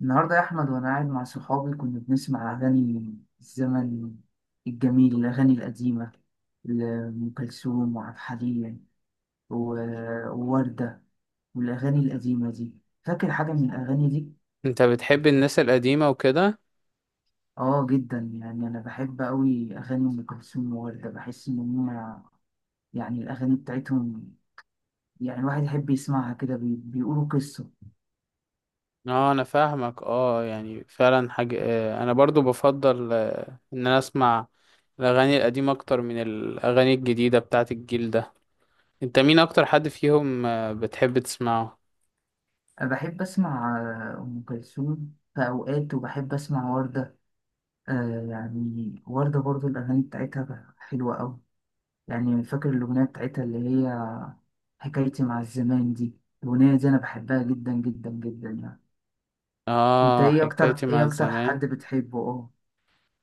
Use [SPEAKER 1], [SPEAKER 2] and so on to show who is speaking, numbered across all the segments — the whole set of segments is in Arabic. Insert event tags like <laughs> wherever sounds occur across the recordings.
[SPEAKER 1] النهاردة يا أحمد، وأنا قاعد مع صحابي كنا بنسمع أغاني الزمن الجميل، الأغاني القديمة لأم كلثوم وعبد الحليم و- ووردة والأغاني القديمة دي. فاكر حاجة من الأغاني دي؟
[SPEAKER 2] انت بتحب الناس القديمة وكده.
[SPEAKER 1] آه جدا، يعني أنا بحب أوي أغاني أم كلثوم ووردة، بحس إن هما يعني الأغاني بتاعتهم يعني الواحد يحب يسمعها كده، بيقولوا قصة.
[SPEAKER 2] اه انا فاهمك، اه يعني فعلا حاجة، اه انا برضو بفضل اه ان انا اسمع الاغاني القديمة اكتر من الاغاني الجديدة بتاعت الجيل ده. انت مين اكتر حد فيهم اه بتحب تسمعه؟
[SPEAKER 1] أنا بحب أسمع آه، أم كلثوم في أوقات، وبحب أسمع وردة. آه يعني وردة برضو الأغاني بتاعتها حلوة أوي. يعني فاكر الأغنية بتاعتها اللي هي حكايتي مع الزمان دي؟ الأغنية دي أنا بحبها جدا جدا جدا يعني. أنت
[SPEAKER 2] اه
[SPEAKER 1] إيه أكتر،
[SPEAKER 2] حكايتي مع
[SPEAKER 1] إيه أكتر
[SPEAKER 2] الزمان.
[SPEAKER 1] حد بتحبه؟ أه.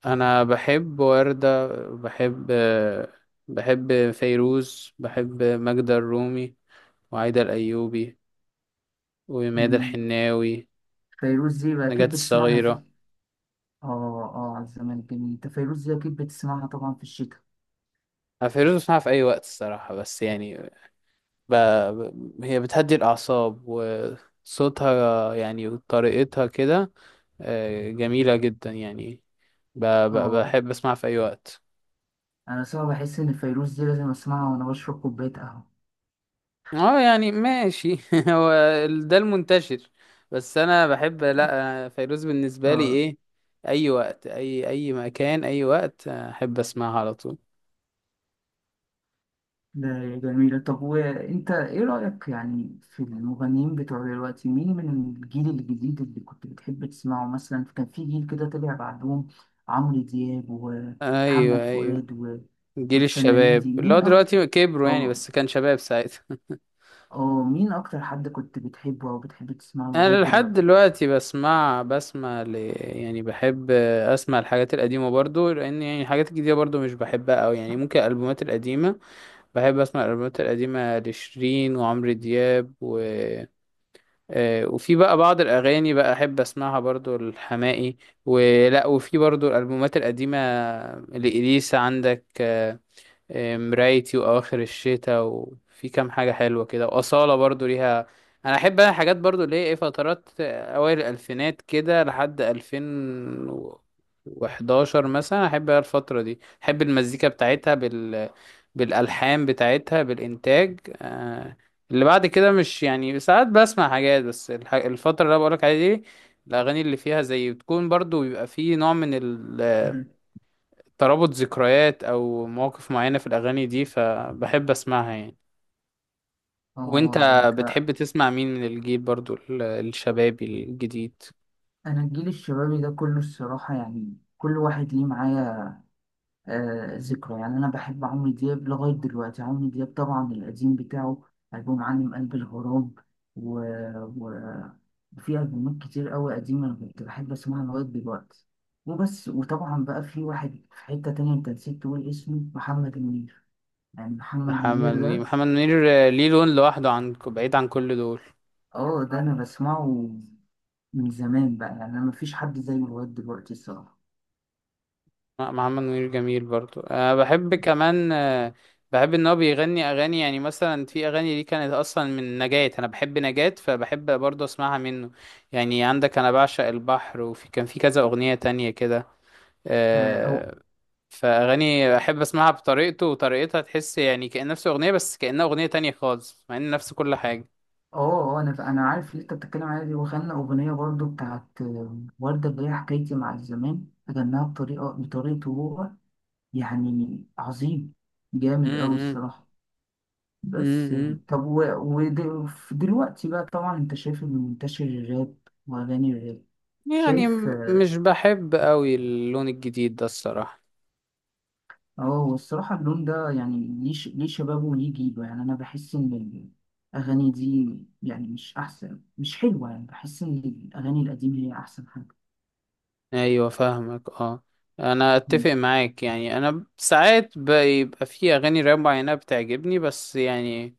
[SPEAKER 2] انا بحب وردة، بحب اه، بحب فيروز، بحب ماجدة الرومي وعايدة الايوبي وميادة
[SPEAKER 1] مم.
[SPEAKER 2] الحناوي،
[SPEAKER 1] فيروز دي بقى
[SPEAKER 2] نجاة
[SPEAKER 1] أكيد بتسمعها في...
[SPEAKER 2] الصغيرة.
[SPEAKER 1] أه أه، على الزمان الجميل. أنت فيروز دي أكيد بتسمعها طبعا في الشتاء.
[SPEAKER 2] أنا فيروز بسمعها في أي وقت الصراحة، بس يعني ب... هي بتهدي الأعصاب وصوتها يعني وطريقتها كده، آه، جميلة جدا يعني.
[SPEAKER 1] أه
[SPEAKER 2] بحب أسمعها في أي وقت.
[SPEAKER 1] أنا صعب بحس إن فيروز دي لازم أسمعها وأنا بشرب كوباية قهوة
[SPEAKER 2] اه يعني ماشي <laughs> هو ده المنتشر. بس أنا بحب، لأ، فيروز بالنسبة لي
[SPEAKER 1] أه.
[SPEAKER 2] إيه، أي وقت، أي مكان، أي وقت، آه، أحب أسمعها على طول.
[SPEAKER 1] ده جميلة. طب وانت ايه رأيك يعني في المغنيين بتوع دلوقتي؟ مين من الجيل الجديد اللي كنت بتحب تسمعه؟ مثلا كان في جيل كده طلع بعدهم، عمرو دياب
[SPEAKER 2] أيوه
[SPEAKER 1] ومحمد
[SPEAKER 2] أيوه،
[SPEAKER 1] فؤاد
[SPEAKER 2] جيل
[SPEAKER 1] والفنانين دي.
[SPEAKER 2] الشباب اللي هو دلوقتي كبروا يعني
[SPEAKER 1] أو...
[SPEAKER 2] بس كان شباب ساعتها.
[SPEAKER 1] مين أكتر حد كنت بتحبه أو بتحب تسمعه لغاية
[SPEAKER 2] انا لحد
[SPEAKER 1] دلوقتي؟
[SPEAKER 2] دلوقتي يعني بحب اسمع الحاجات القديمه برضو، لان يعني الحاجات الجديده برضو مش بحبها قوي، يعني ممكن الالبومات القديمه، بحب اسمع الالبومات القديمه لشيرين وعمرو دياب آه، وفي بقى بعض الاغاني بقى احب اسمعها برضو، الحماقي ولا، وفي برضو الالبومات القديمه لإليسا، عندك آه، مرايتي واواخر الشتاء، وفي كام حاجه حلوه كده، واصاله برضو ليها. انا احب، انا حاجات برضو اللي هي ايه، فترات اوائل الالفينات كده لحد 2011 مثلا، احب أنا الفتره دي، احب المزيكا بتاعتها بالالحان بتاعتها بالانتاج آه، اللي بعد كده مش يعني، ساعات بسمع حاجات بس، الفتره اللي انا بقولك عليها دي، الاغاني اللي فيها زي بتكون برضو، بيبقى فيه نوع من
[SPEAKER 1] مم.
[SPEAKER 2] ترابط ذكريات او مواقف معينة في الاغاني دي، فبحب اسمعها يعني. وانت
[SPEAKER 1] اه. ده انت.
[SPEAKER 2] بتحب تسمع مين من الجيل برضو الشبابي الجديد؟
[SPEAKER 1] انا الجيل الشبابي ده كله الصراحة، يعني كل واحد ليه معايا آه، ذكرى. يعني أنا بحب عمرو دياب لغاية دلوقتي، عمرو دياب طبعا القديم بتاعه، ألبوم عالم قلب الغراب و... و... وفي ألبومات كتير قوي قديمة أنا كنت بحب أسمعها لغاية دلوقتي. وبس. وطبعا بقى في واحد في حتة تانية أنت نسيت تقول اسمه، محمد منير. يعني محمد
[SPEAKER 2] محمد
[SPEAKER 1] منير
[SPEAKER 2] منير
[SPEAKER 1] ده،
[SPEAKER 2] محمد منير آه، ليه لون لوحده، عن بعيد عن كل دول.
[SPEAKER 1] اه ده أنا بسمعه من زمان بقى. يعني أنا مفيش حد زيه لغاية دلوقتي الصراحة.
[SPEAKER 2] لا، محمد منير جميل برضو، أه بحب كمان آه، بحب ان هو بيغني اغاني يعني مثلا، في اغاني دي كانت اصلا من نجاة، انا بحب نجاة فبحب برضو اسمعها منه، يعني عندك انا بعشق البحر، وفي كان في كذا اغنية تانية كده
[SPEAKER 1] آه، هو.
[SPEAKER 2] آه، فاغاني احب اسمعها بطريقته وطريقتها، تحس يعني كأن نفس اغنيه بس كأنها اغنيه تانية خالص مع ان نفس كل حاجه.
[SPEAKER 1] انا عارف اللي انت بتتكلم عليها دي، وغنى اغنيه برضو بتاعت آه، ورده، اللي هي حكايتي مع الزمان، غناها بطريقته هو. يعني عظيم، جامد قوي
[SPEAKER 2] امم
[SPEAKER 1] الصراحه. بس
[SPEAKER 2] امم
[SPEAKER 1] يعني طب ودلوقتي بقى طبعا انت شايف اللي منتشر، الراب واغاني الراب.
[SPEAKER 2] يعني
[SPEAKER 1] شايف؟ اه.
[SPEAKER 2] مش بحب قوي اللون الجديد ده الصراحه.
[SPEAKER 1] اه، هو الصراحه اللون ده يعني ليه ليه شبابه وليه جيله. يعني انا بحس ان الاغاني دي يعني مش احسن، مش حلوه. يعني بحس ان الاغاني القديمه هي احسن حاجه.
[SPEAKER 2] ايوه فاهمك اه، انا اتفق معاك يعني، انا ساعات بيبقى في اغاني راب معينه بتعجبني، بس يعني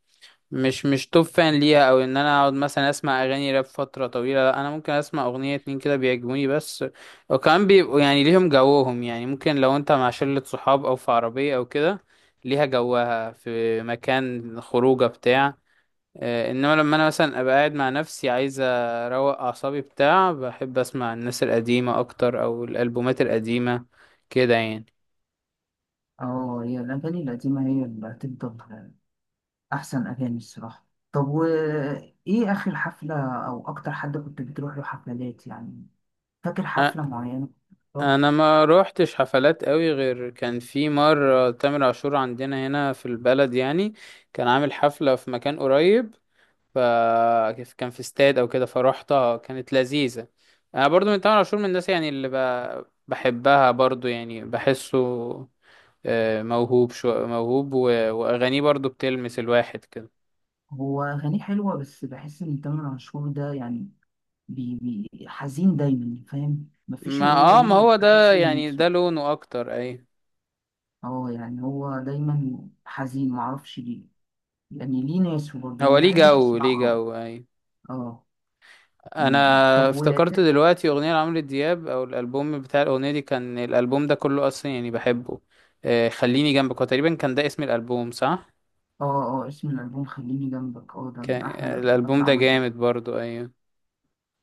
[SPEAKER 2] مش توب فان ليها، او ان انا اقعد مثلا اسمع اغاني راب فتره طويله، لا، انا ممكن اسمع اغنيه اتنين كده بيعجبوني بس. وكمان بيبقوا يعني ليهم جوهم، يعني ممكن لو انت مع شله صحاب او في عربيه او كده، ليها جوها في مكان خروجه بتاع آه، انما لما انا مثلا ابقى قاعد مع نفسي عايز اروق اعصابي بتاع، بحب اسمع الناس القديمه اكتر او الالبومات القديمه كده يعني.
[SPEAKER 1] اه، هي الأغاني القديمة هي اللي هتفضل أحسن أغاني الصراحة. طب وإيه آخر حفلة أو أكتر حد كنت بتروح له حفلات يعني؟ فاكر حفلة معينة؟ طب،
[SPEAKER 2] انا ما روحتش حفلات قوي، غير كان في مره تامر عاشور عندنا هنا في البلد يعني، كان عامل حفله في مكان قريب، ف كان في استاد او كده فروحتها، كانت لذيذه. انا برضو من تامر عاشور، من الناس يعني اللي بحبها برضو، يعني بحسه آه، موهوب، شو موهوب واغانيه برضو بتلمس الواحد كده.
[SPEAKER 1] هو أغانيه حلوة، بس بحس إن تامر عاشور ده يعني بي حزين دايما، فاهم؟ مفيش
[SPEAKER 2] ما
[SPEAKER 1] أغنية
[SPEAKER 2] اه ما
[SPEAKER 1] ليه
[SPEAKER 2] هو ده
[SPEAKER 1] بحس إن...
[SPEAKER 2] يعني، ده لونه اكتر اي.
[SPEAKER 1] اه يعني هو دايما حزين معرفش ليه. يعني ليه ناس برضه، أنا
[SPEAKER 2] هو ليه
[SPEAKER 1] مبحبش
[SPEAKER 2] جو ليه
[SPEAKER 1] أسمعه.
[SPEAKER 2] جو اي.
[SPEAKER 1] اه.
[SPEAKER 2] انا
[SPEAKER 1] مم. طب.
[SPEAKER 2] افتكرت دلوقتي اغنيه لعمرو دياب، او الالبوم بتاع الاغنيه دي كان الالبوم ده كله اصلا يعني بحبه، آه، خليني جنبك، هو تقريبا كان ده اسم الالبوم صح؟
[SPEAKER 1] اه اه، اسم الألبوم خليني جنبك. اه ده من
[SPEAKER 2] كان
[SPEAKER 1] أحلى الألبومات
[SPEAKER 2] الالبوم
[SPEAKER 1] اللي
[SPEAKER 2] ده
[SPEAKER 1] عملت دي.
[SPEAKER 2] جامد برضو، ايوه،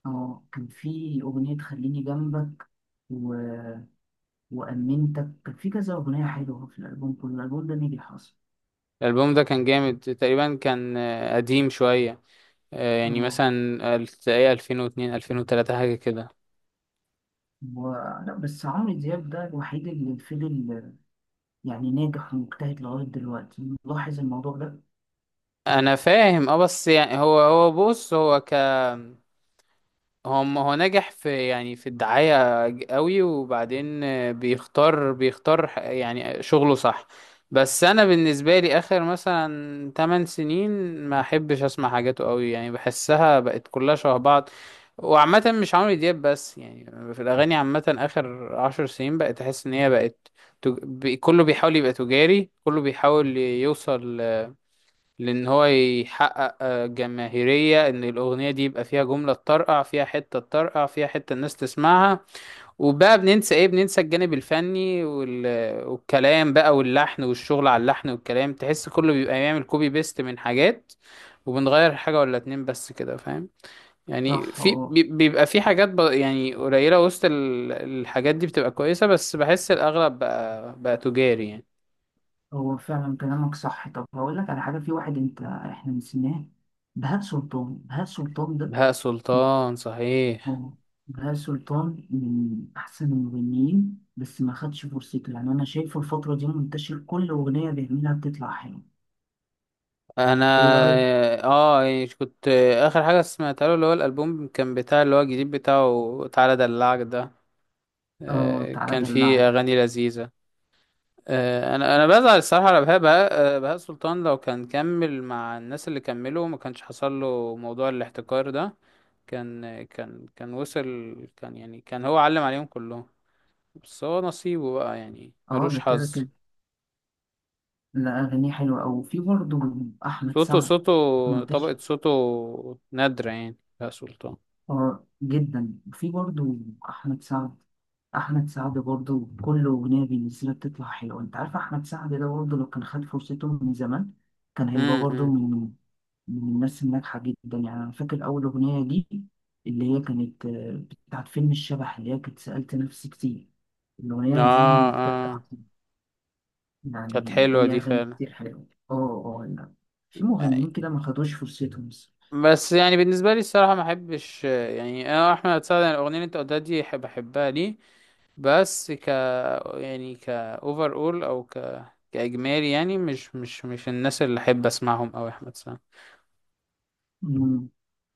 [SPEAKER 1] اه كان في أغنية خليني جنبك و... وأمنتك، كان في كذا أغنية حلوة في الألبوم كله. الألبوم ده نجح أصلا.
[SPEAKER 2] الالبوم ده كان جامد تقريبا، كان آه، قديم شويه آه، يعني
[SPEAKER 1] اه.
[SPEAKER 2] مثلا تلاقيه 2002 2003 حاجه كده.
[SPEAKER 1] و... لا بس عمرو دياب ده الوحيد اللي فضل يعني ناجح ومجتهد لغاية دلوقتي، ملاحظ الموضوع ده؟
[SPEAKER 2] انا فاهم اه، بس يعني هو بص، هو ما هو ناجح في يعني في الدعاية قوي، وبعدين آه، بيختار يعني شغله صح. بس انا بالنسبة لي اخر مثلا 8 سنين ما احبش اسمع حاجاته قوي يعني، بحسها بقت كلها شبه بعض. وعامة مش عمرو دياب بس يعني، في الاغاني عامة اخر 10 سنين بقت احس ان هي بقت كله بيحاول يبقى تجاري، كله بيحاول يوصل، لان هو يحقق آه، جماهيرية، ان الاغنية دي يبقى فيها جملة تطرقع، فيها حتة تطرقع، فيها حتة الناس تسمعها، وبقى بننسى ايه، بننسى الجانب الفني والكلام بقى، واللحن والشغل على اللحن والكلام، تحس كله بيبقى بيعمل كوبي بيست من حاجات، وبنغير حاجة ولا اتنين بس كده فاهم يعني.
[SPEAKER 1] صح.
[SPEAKER 2] في
[SPEAKER 1] اه،
[SPEAKER 2] بيبقى في حاجات يعني قليلة وسط الحاجات دي بتبقى كويسة، بس بحس الاغلب بقى تجاري يعني.
[SPEAKER 1] هو فعلا كلامك صح. طب هقول لك على حاجة، في واحد أنت إحنا نسيناه، بهاء سلطان. بهاء سلطان ده
[SPEAKER 2] بهاء سلطان صحيح.
[SPEAKER 1] هو، بهاء سلطان من أحسن المغنيين، بس ما خدش فرصته. يعني أنا شايفه الفترة دي منتشر، كل أغنية بيعملها بتطلع حلوة.
[SPEAKER 2] انا
[SPEAKER 1] إيه رأيك؟
[SPEAKER 2] اه إيه، كنت، اخر حاجه سمعتها له اللي هو الالبوم، كان بتاع اللي هو الجديد بتاعه تعالى ادلعك ده
[SPEAKER 1] آه
[SPEAKER 2] آه،
[SPEAKER 1] تعالى
[SPEAKER 2] كان
[SPEAKER 1] دلعك.
[SPEAKER 2] فيه اغاني لذيذه آه، انا بزعل الصراحه على بهاء آه، بهاء سلطان لو كان كمل مع الناس اللي كملوا، ما كانش حصل له موضوع الاحتكار ده، كان وصل، كان يعني كان هو علم عليهم كلهم، بس هو نصيبه بقى يعني
[SPEAKER 1] آه
[SPEAKER 2] ملوش
[SPEAKER 1] ده كده
[SPEAKER 2] حظ.
[SPEAKER 1] كده. لا أغانيه حلوة أوي. وفي برضه أحمد
[SPEAKER 2] صوته
[SPEAKER 1] سعد،
[SPEAKER 2] صوته طبقه
[SPEAKER 1] منتشر.
[SPEAKER 2] صوته نادره يعني بهاء
[SPEAKER 1] آه جدا. وفي برضه أحمد سعد، أحمد سعد برضه كل أغنية بينزلها بتطلع حلوة. أنت عارف أحمد سعد ده برضه لو كان خد فرصته من زمان كان هيبقى برضه
[SPEAKER 2] سلطان.
[SPEAKER 1] من الناس الناجحة جدا. يعني أنا فاكر أول أغنية دي اللي هي كانت آه، بتاعت فيلم الشبح، اللي هي كانت سألت نفسي كتير. الأغنية دي
[SPEAKER 2] اه
[SPEAKER 1] بجد
[SPEAKER 2] اه
[SPEAKER 1] عظيمة.
[SPEAKER 2] كانت
[SPEAKER 1] يعني
[SPEAKER 2] حلوة
[SPEAKER 1] ليها
[SPEAKER 2] دي
[SPEAKER 1] أغاني
[SPEAKER 2] فعلا.
[SPEAKER 1] كتير حلوة اه. اه لا، في مغنيين كده ما خدوش فرصتهم الصراحة.
[SPEAKER 2] بس يعني بالنسبة لي الصراحة ما احبش يعني، انا احمد سعد يعني الاغنية اللي انت قلتها دي أحب- بحبها ليه، بس يعني ك اوفر اول كاجمالي يعني مش الناس اللي احب اسمعهم او احمد سعد.
[SPEAKER 1] مم.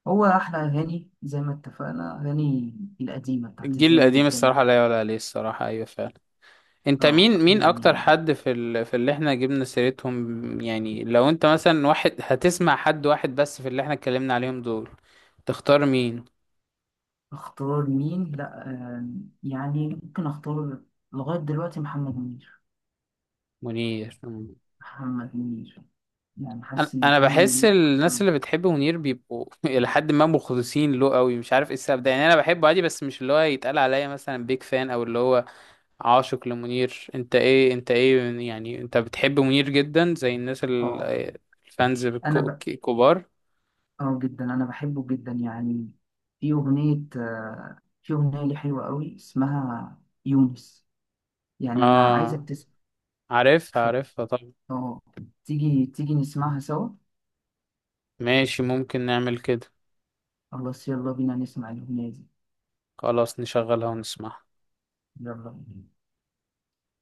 [SPEAKER 1] هو أحلى أغاني زي ما اتفقنا، أغاني القديمة بتاعت
[SPEAKER 2] الجيل
[SPEAKER 1] الزمن
[SPEAKER 2] القديم
[SPEAKER 1] الجميل.
[SPEAKER 2] الصراحة لا يعلى عليه الصراحة، ايوه فعلا. انت
[SPEAKER 1] اه
[SPEAKER 2] مين اكتر
[SPEAKER 1] يعني.
[SPEAKER 2] حد في في اللي احنا جبنا سيرتهم يعني، لو انت مثلا واحد هتسمع حد واحد بس في اللي احنا اتكلمنا عليهم دول، تختار مين؟
[SPEAKER 1] اختار مين؟ لا آه، يعني ممكن اختار لغاية دلوقتي محمد منير.
[SPEAKER 2] منير،
[SPEAKER 1] محمد منير. يعني حاسس
[SPEAKER 2] انا
[SPEAKER 1] ان
[SPEAKER 2] أنا
[SPEAKER 1] محمد
[SPEAKER 2] بحس
[SPEAKER 1] منير أكتر-.
[SPEAKER 2] الناس اللي بتحب منير بيبقوا <laughs> الى حد ما مخلصين له قوي، مش عارف ايه السبب ده يعني، انا بحبه عادي بس مش اللي هو يتقال عليا مثلا بيج فان، او اللي هو عاشق لمنير. انت ايه يعني، انت بتحب منير جدا زي الناس
[SPEAKER 1] اه.
[SPEAKER 2] الفانز
[SPEAKER 1] انا ب...
[SPEAKER 2] الكبار؟
[SPEAKER 1] اه جدا انا بحبه جدا يعني. في اغنيه آه، في اغنيه لي حلوه قوي اسمها يونس، يعني انا عايزك
[SPEAKER 2] اه
[SPEAKER 1] تسمع.
[SPEAKER 2] عارفها
[SPEAKER 1] ف...
[SPEAKER 2] عارفها، طب
[SPEAKER 1] اه، تيجي نسمعها سوا.
[SPEAKER 2] ماشي ممكن نعمل كده،
[SPEAKER 1] خلاص يلا بينا نسمع الاغنيه دي.
[SPEAKER 2] خلاص نشغلها ونسمعها.
[SPEAKER 1] يلا بينا.